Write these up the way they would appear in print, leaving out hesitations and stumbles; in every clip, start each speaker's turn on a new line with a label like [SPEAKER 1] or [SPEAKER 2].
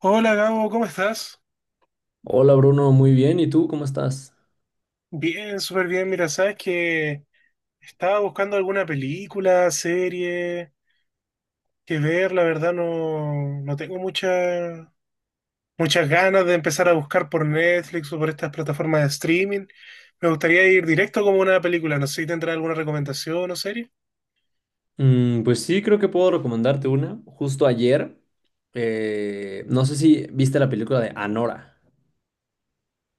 [SPEAKER 1] Hola Gabo, ¿cómo estás?
[SPEAKER 2] Hola Bruno, muy bien. ¿Y tú cómo estás?
[SPEAKER 1] Bien, súper bien. Mira, sabes que estaba buscando alguna película, serie que ver. La verdad no tengo muchas ganas de empezar a buscar por Netflix o por estas plataformas de streaming. Me gustaría ir directo como una película. No sé si tendrás alguna recomendación o serie.
[SPEAKER 2] Mm, pues sí, creo que puedo recomendarte una. Justo ayer, no sé si viste la película de Anora.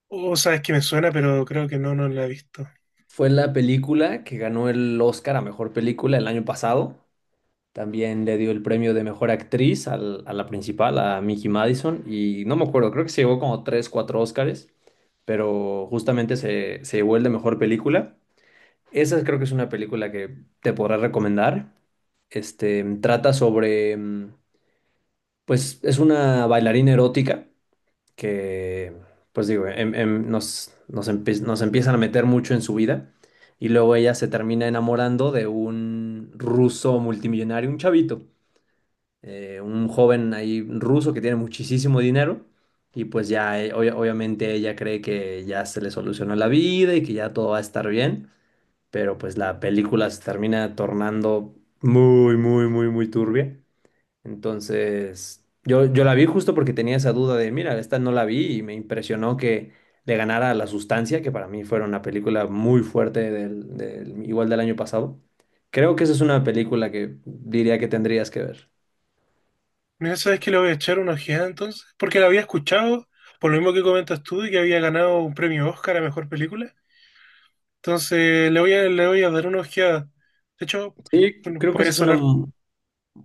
[SPEAKER 1] O sabes que me suena, pero creo que no la he visto.
[SPEAKER 2] Fue la película que ganó el Oscar a mejor película el año pasado. También le dio el premio de mejor actriz a la principal, a Mickey Madison. Y no me acuerdo, creo que se llevó como 3, 4 Oscars. Pero justamente se llevó el de mejor película. Esa creo que es una película que te podrá recomendar. Este, trata sobre pues es una bailarina erótica que, pues digo, nos empiezan a meter mucho en su vida y luego ella se termina enamorando de un ruso multimillonario, un chavito, un joven ahí ruso que tiene muchísimo dinero y pues ya obviamente ella cree que ya se le solucionó la vida y que ya todo va a estar bien, pero pues la película se termina tornando muy, muy, muy, muy turbia. Entonces, yo la vi justo porque tenía esa duda de, mira, esta no la vi y me impresionó que le ganara a La Sustancia, que para mí fue una película muy fuerte igual del año pasado. Creo que esa es una película que diría que tendrías que ver.
[SPEAKER 1] Mira, sabes que le voy a echar una ojeada entonces, porque la había escuchado, por lo mismo que comentas tú, y que había ganado un premio Oscar a mejor película. Entonces le voy a dar una ojeada. De hecho,
[SPEAKER 2] Sí,
[SPEAKER 1] bueno,
[SPEAKER 2] creo que
[SPEAKER 1] puede
[SPEAKER 2] esa es una
[SPEAKER 1] sonar.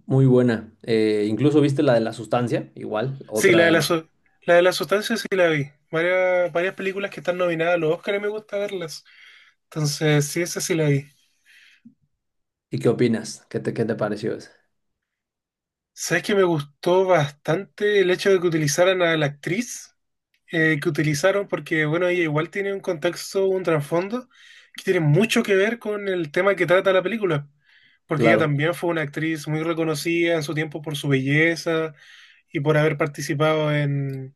[SPEAKER 2] muy buena. Incluso viste la de La Sustancia, igual,
[SPEAKER 1] Sí,
[SPEAKER 2] otra.
[SPEAKER 1] la de la sustancia sí la vi. Varias películas que están nominadas a los Oscars me gusta verlas. Entonces, sí, esa sí la vi.
[SPEAKER 2] ¿Y qué opinas? Qué te pareció esa?
[SPEAKER 1] ¿Sabes que me gustó bastante el hecho de que utilizaran a la actriz? Que utilizaron, porque bueno, ella igual tiene un contexto, un trasfondo que tiene mucho que ver con el tema que trata la película, porque ella
[SPEAKER 2] Claro.
[SPEAKER 1] también fue una actriz muy reconocida en su tiempo por su belleza y por haber participado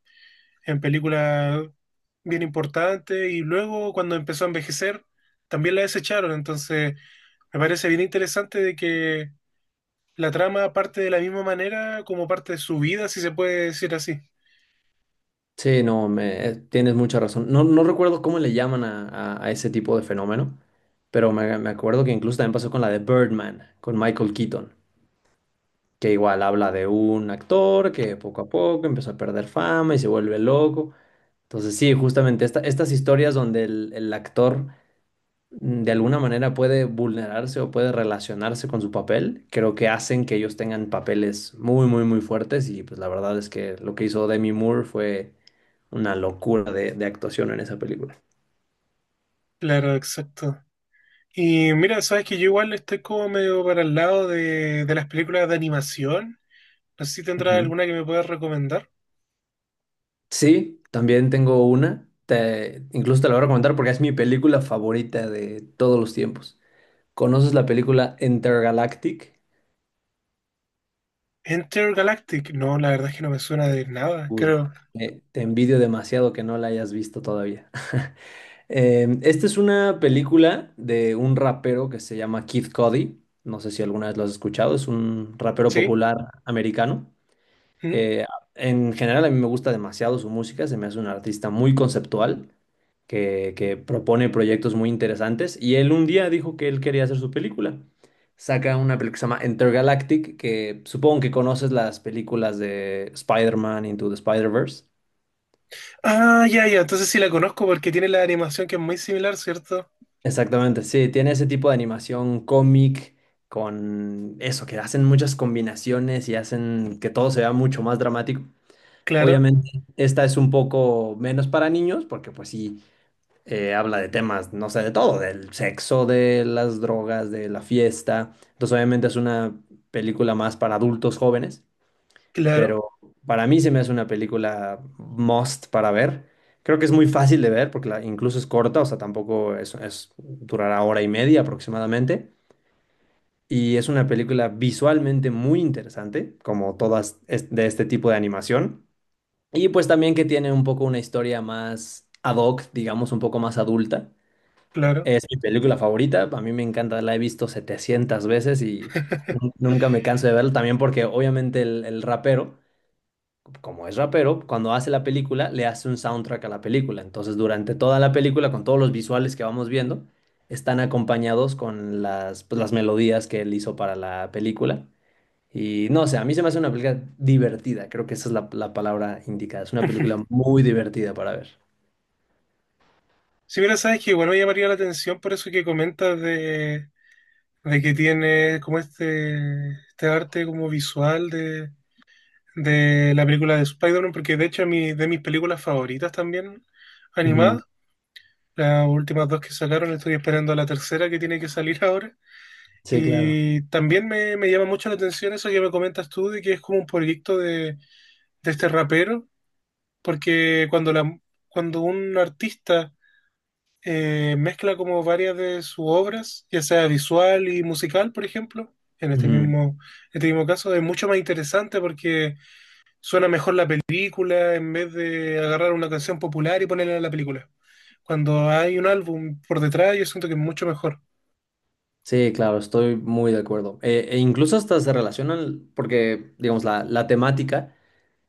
[SPEAKER 1] en películas bien importantes, y luego cuando empezó a envejecer, también la desecharon. Entonces me parece bien interesante de que la trama parte de la misma manera como parte de su vida, si se puede decir así.
[SPEAKER 2] Sí, no, me, tienes mucha razón. No, no recuerdo cómo le llaman a ese tipo de fenómeno, pero me acuerdo que incluso también pasó con la de Birdman, con Michael Keaton, que igual habla de un actor que poco a poco empezó a perder fama y se vuelve loco. Entonces sí, justamente estas historias donde el actor de alguna manera puede vulnerarse o puede relacionarse con su papel, creo que hacen que ellos tengan papeles muy, muy, muy fuertes y pues la verdad es que lo que hizo Demi Moore fue una locura de actuación en esa película.
[SPEAKER 1] Claro, exacto. Y mira, sabes que yo igual estoy como medio para el lado de las películas de animación. No sé si tendrás
[SPEAKER 2] Ujú.
[SPEAKER 1] alguna que me puedas recomendar.
[SPEAKER 2] Sí, también tengo una, incluso te la voy a recomendar porque es mi película favorita de todos los tiempos. ¿Conoces la película Intergalactic?
[SPEAKER 1] Enter Galactic. No, la verdad es que no me suena de nada,
[SPEAKER 2] Uy,
[SPEAKER 1] creo.
[SPEAKER 2] Te envidio demasiado que no la hayas visto todavía. Esta es una película de un rapero que se llama Kid Cudi. No sé si alguna vez lo has escuchado. Es un rapero
[SPEAKER 1] ¿Sí?
[SPEAKER 2] popular americano.
[SPEAKER 1] ¿Mm?
[SPEAKER 2] Eh, en general, a mí me gusta demasiado su música. Se me hace un artista muy conceptual que propone proyectos muy interesantes. Y él un día dijo que él quería hacer su película. Saca una película que se llama Intergalactic, que supongo que conoces las películas de Spider-Man Into the Spider-Verse.
[SPEAKER 1] Ah, ya, ya. Entonces sí la conozco porque tiene la animación que es muy similar, ¿cierto?
[SPEAKER 2] Exactamente, sí, tiene ese tipo de animación cómic con eso, que hacen muchas combinaciones y hacen que todo se vea mucho más dramático.
[SPEAKER 1] Claro,
[SPEAKER 2] Obviamente, esta es un poco menos para niños porque pues sí, habla de temas, no sé, de todo, del sexo, de las drogas, de la fiesta. Entonces, obviamente es una película más para adultos jóvenes
[SPEAKER 1] claro,
[SPEAKER 2] pero para mí se me hace una película must para ver. Creo que es muy fácil de ver porque incluso es corta, o sea, tampoco durará hora y media aproximadamente. Y es una película visualmente muy interesante, como todas de este tipo de animación. Y pues también que tiene un poco una historia más ad hoc, digamos, un poco más adulta.
[SPEAKER 1] claro.
[SPEAKER 2] Es mi película favorita, a mí me encanta, la he visto 700 veces y nunca me canso de verla, también porque obviamente el rapero como es rapero, cuando hace la película, le hace un soundtrack a la película. Entonces, durante toda la película, con todos los visuales que vamos viendo, están acompañados con las, pues, las melodías que él hizo para la película. Y no sé, a mí se me hace una película divertida, creo que esa es la palabra indicada. Es una película muy divertida para ver.
[SPEAKER 1] Sí, mira, sabes que igual me llamaría la atención por eso que comentas de que tiene como este arte como visual de la película de Spider-Man, porque de hecho de mis películas favoritas también
[SPEAKER 2] Ujú.
[SPEAKER 1] animadas, las últimas dos que sacaron, estoy esperando la tercera que tiene que salir ahora.
[SPEAKER 2] Sí, claro.
[SPEAKER 1] Y también me llama mucho la atención eso que me comentas tú, de que es como un proyecto de este rapero, porque cuando un artista mezcla como varias de sus obras, ya sea visual y musical, por ejemplo,
[SPEAKER 2] Ujú.
[SPEAKER 1] en este mismo caso, es mucho más interesante porque suena mejor la película en vez de agarrar una canción popular y ponerla en la película. Cuando hay un álbum por detrás, yo siento que es mucho mejor.
[SPEAKER 2] Sí, claro, estoy muy de acuerdo. E incluso hasta se relacionan, porque, digamos, la temática.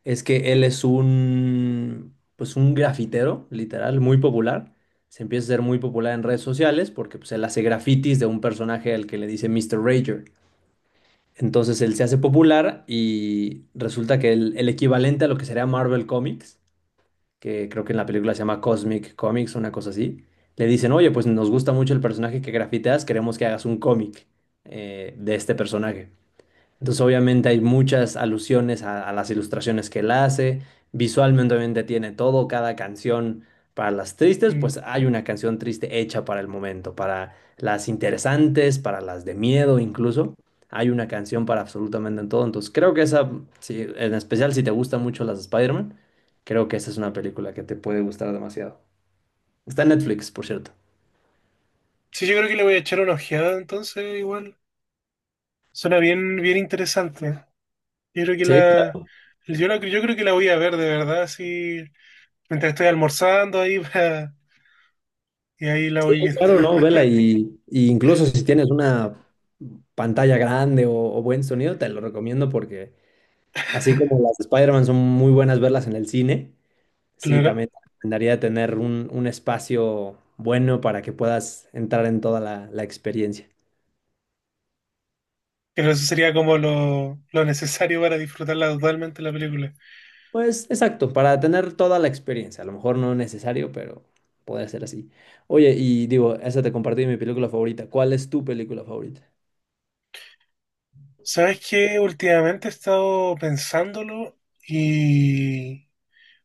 [SPEAKER 2] Es que él es un, pues un grafitero, literal, muy popular. Se empieza a ser muy popular en redes sociales porque pues, él hace grafitis de un personaje al que le dice Mr. Rager. Entonces él se hace popular y resulta que el equivalente a lo que sería Marvel Comics, que creo que en la película se llama Cosmic Comics, una cosa así, le dicen, oye, pues nos gusta mucho el personaje que grafiteas, queremos que hagas un cómic de este personaje. Entonces, obviamente hay muchas alusiones a las ilustraciones que él hace. Visualmente, obviamente, tiene todo, cada canción para las tristes,
[SPEAKER 1] Mm.
[SPEAKER 2] pues hay una canción triste hecha para el momento, para las interesantes, para las de miedo incluso. Hay una canción para absolutamente en todo. Entonces, creo que esa, sí, en especial si te gustan mucho las de Spider-Man, creo que esa es una película que te puede gustar demasiado. Está en Netflix, por cierto.
[SPEAKER 1] Sí, yo creo que le voy a echar una ojeada, entonces igual. Suena bien, bien interesante. Yo creo que
[SPEAKER 2] Sí.
[SPEAKER 1] la, yo creo que la voy a ver de verdad, sí, mientras estoy almorzando ahí y ahí la
[SPEAKER 2] Sí,
[SPEAKER 1] voy viendo,
[SPEAKER 2] claro, no, vela, y incluso si tienes una pantalla grande o buen sonido, te lo recomiendo porque así como las de Spider-Man son muy buenas verlas en el cine, sí,
[SPEAKER 1] claro.
[SPEAKER 2] también te recomendaría tener un espacio bueno para que puedas entrar en toda la experiencia.
[SPEAKER 1] Pero eso sería como lo necesario para disfrutarla totalmente la película.
[SPEAKER 2] Pues exacto, para tener toda la experiencia, a lo mejor no es necesario, pero podría ser así. Oye, y digo, esa te compartí mi película favorita. ¿Cuál es tu película favorita?
[SPEAKER 1] ¿Sabes qué? Últimamente he estado pensándolo y,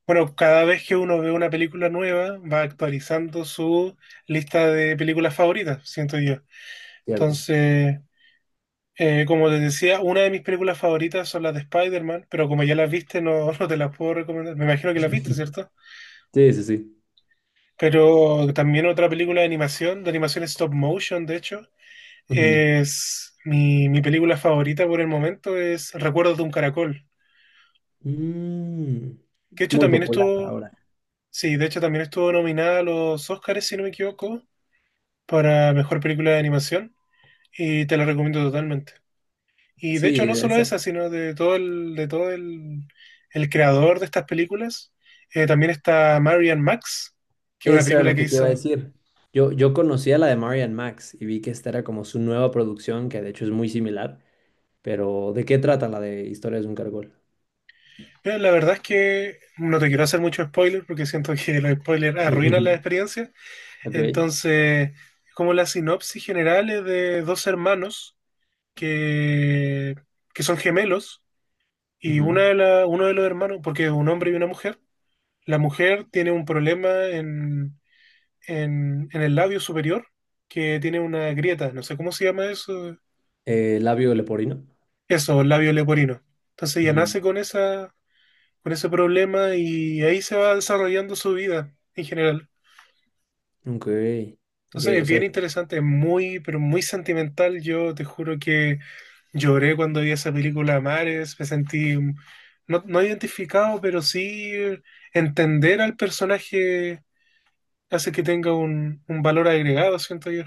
[SPEAKER 1] bueno, cada vez que uno ve una película nueva, va actualizando su lista de películas favoritas, siento yo.
[SPEAKER 2] Cierto.
[SPEAKER 1] Entonces, como te decía, una de mis películas favoritas son las de Spider-Man, pero como ya las viste, no, no te las puedo recomendar. Me imagino que las viste, ¿cierto?
[SPEAKER 2] Sí, sí, sí.
[SPEAKER 1] Pero también otra película de animación stop motion, de hecho,
[SPEAKER 2] Ujú.
[SPEAKER 1] es mi película favorita por el momento, es Recuerdos de un caracol.
[SPEAKER 2] Mm,
[SPEAKER 1] Que de hecho
[SPEAKER 2] muy
[SPEAKER 1] también
[SPEAKER 2] popular
[SPEAKER 1] estuvo,
[SPEAKER 2] ahora.
[SPEAKER 1] sí, de hecho también estuvo nominada a los Oscars, si no me equivoco, para mejor película de animación y te la recomiendo totalmente. Y de hecho
[SPEAKER 2] Sí,
[SPEAKER 1] no solo esa, sino de todo el creador de estas películas. También está Marian Max, que es una
[SPEAKER 2] eso era
[SPEAKER 1] película
[SPEAKER 2] lo
[SPEAKER 1] que
[SPEAKER 2] que te iba a
[SPEAKER 1] hizo...
[SPEAKER 2] decir. Yo conocía la de Marian Max y vi que esta era como su nueva producción, que de hecho es muy similar, pero ¿de qué trata la de Historias de un caracol?
[SPEAKER 1] Pero la verdad es que no te quiero hacer mucho spoiler porque siento que los spoilers arruinan la experiencia.
[SPEAKER 2] Ok.
[SPEAKER 1] Entonces, como la sinopsis general es de dos hermanos que, que son gemelos. Y
[SPEAKER 2] Ujú.
[SPEAKER 1] uno de los hermanos, porque es un hombre y una mujer, la mujer tiene un problema en el labio superior, que tiene una grieta, no sé cómo se llama eso,
[SPEAKER 2] Labio leporino.
[SPEAKER 1] eso, el labio leporino. Entonces ella nace
[SPEAKER 2] Ujú.
[SPEAKER 1] con esa, con ese problema y ahí se va desarrollando su vida en general.
[SPEAKER 2] Ok. Ok,
[SPEAKER 1] Entonces
[SPEAKER 2] o
[SPEAKER 1] es
[SPEAKER 2] sea,
[SPEAKER 1] bien interesante, es muy, pero muy sentimental. Yo te juro que lloré cuando vi esa película Mares, me sentí no, no identificado, pero sí entender al personaje hace que tenga un valor agregado, siento yo.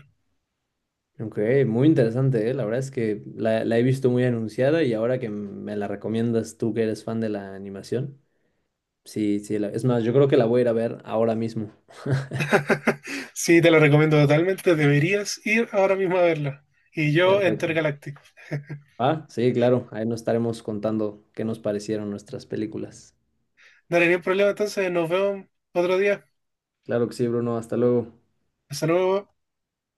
[SPEAKER 2] ok, muy interesante, ¿eh? La verdad es que la he visto muy anunciada y ahora que me la recomiendas tú que eres fan de la animación. Sí, sí, es más, yo creo que la voy a ir a ver ahora mismo.
[SPEAKER 1] Sí, te la recomiendo totalmente, deberías ir ahora mismo a verla. Y yo,
[SPEAKER 2] Perfecto.
[SPEAKER 1] Intergaláctico.
[SPEAKER 2] Ah, sí, claro, ahí nos estaremos contando qué nos parecieron nuestras películas.
[SPEAKER 1] No hay ningún problema, entonces nos vemos otro día.
[SPEAKER 2] Claro que sí, Bruno, hasta luego.
[SPEAKER 1] Hasta luego.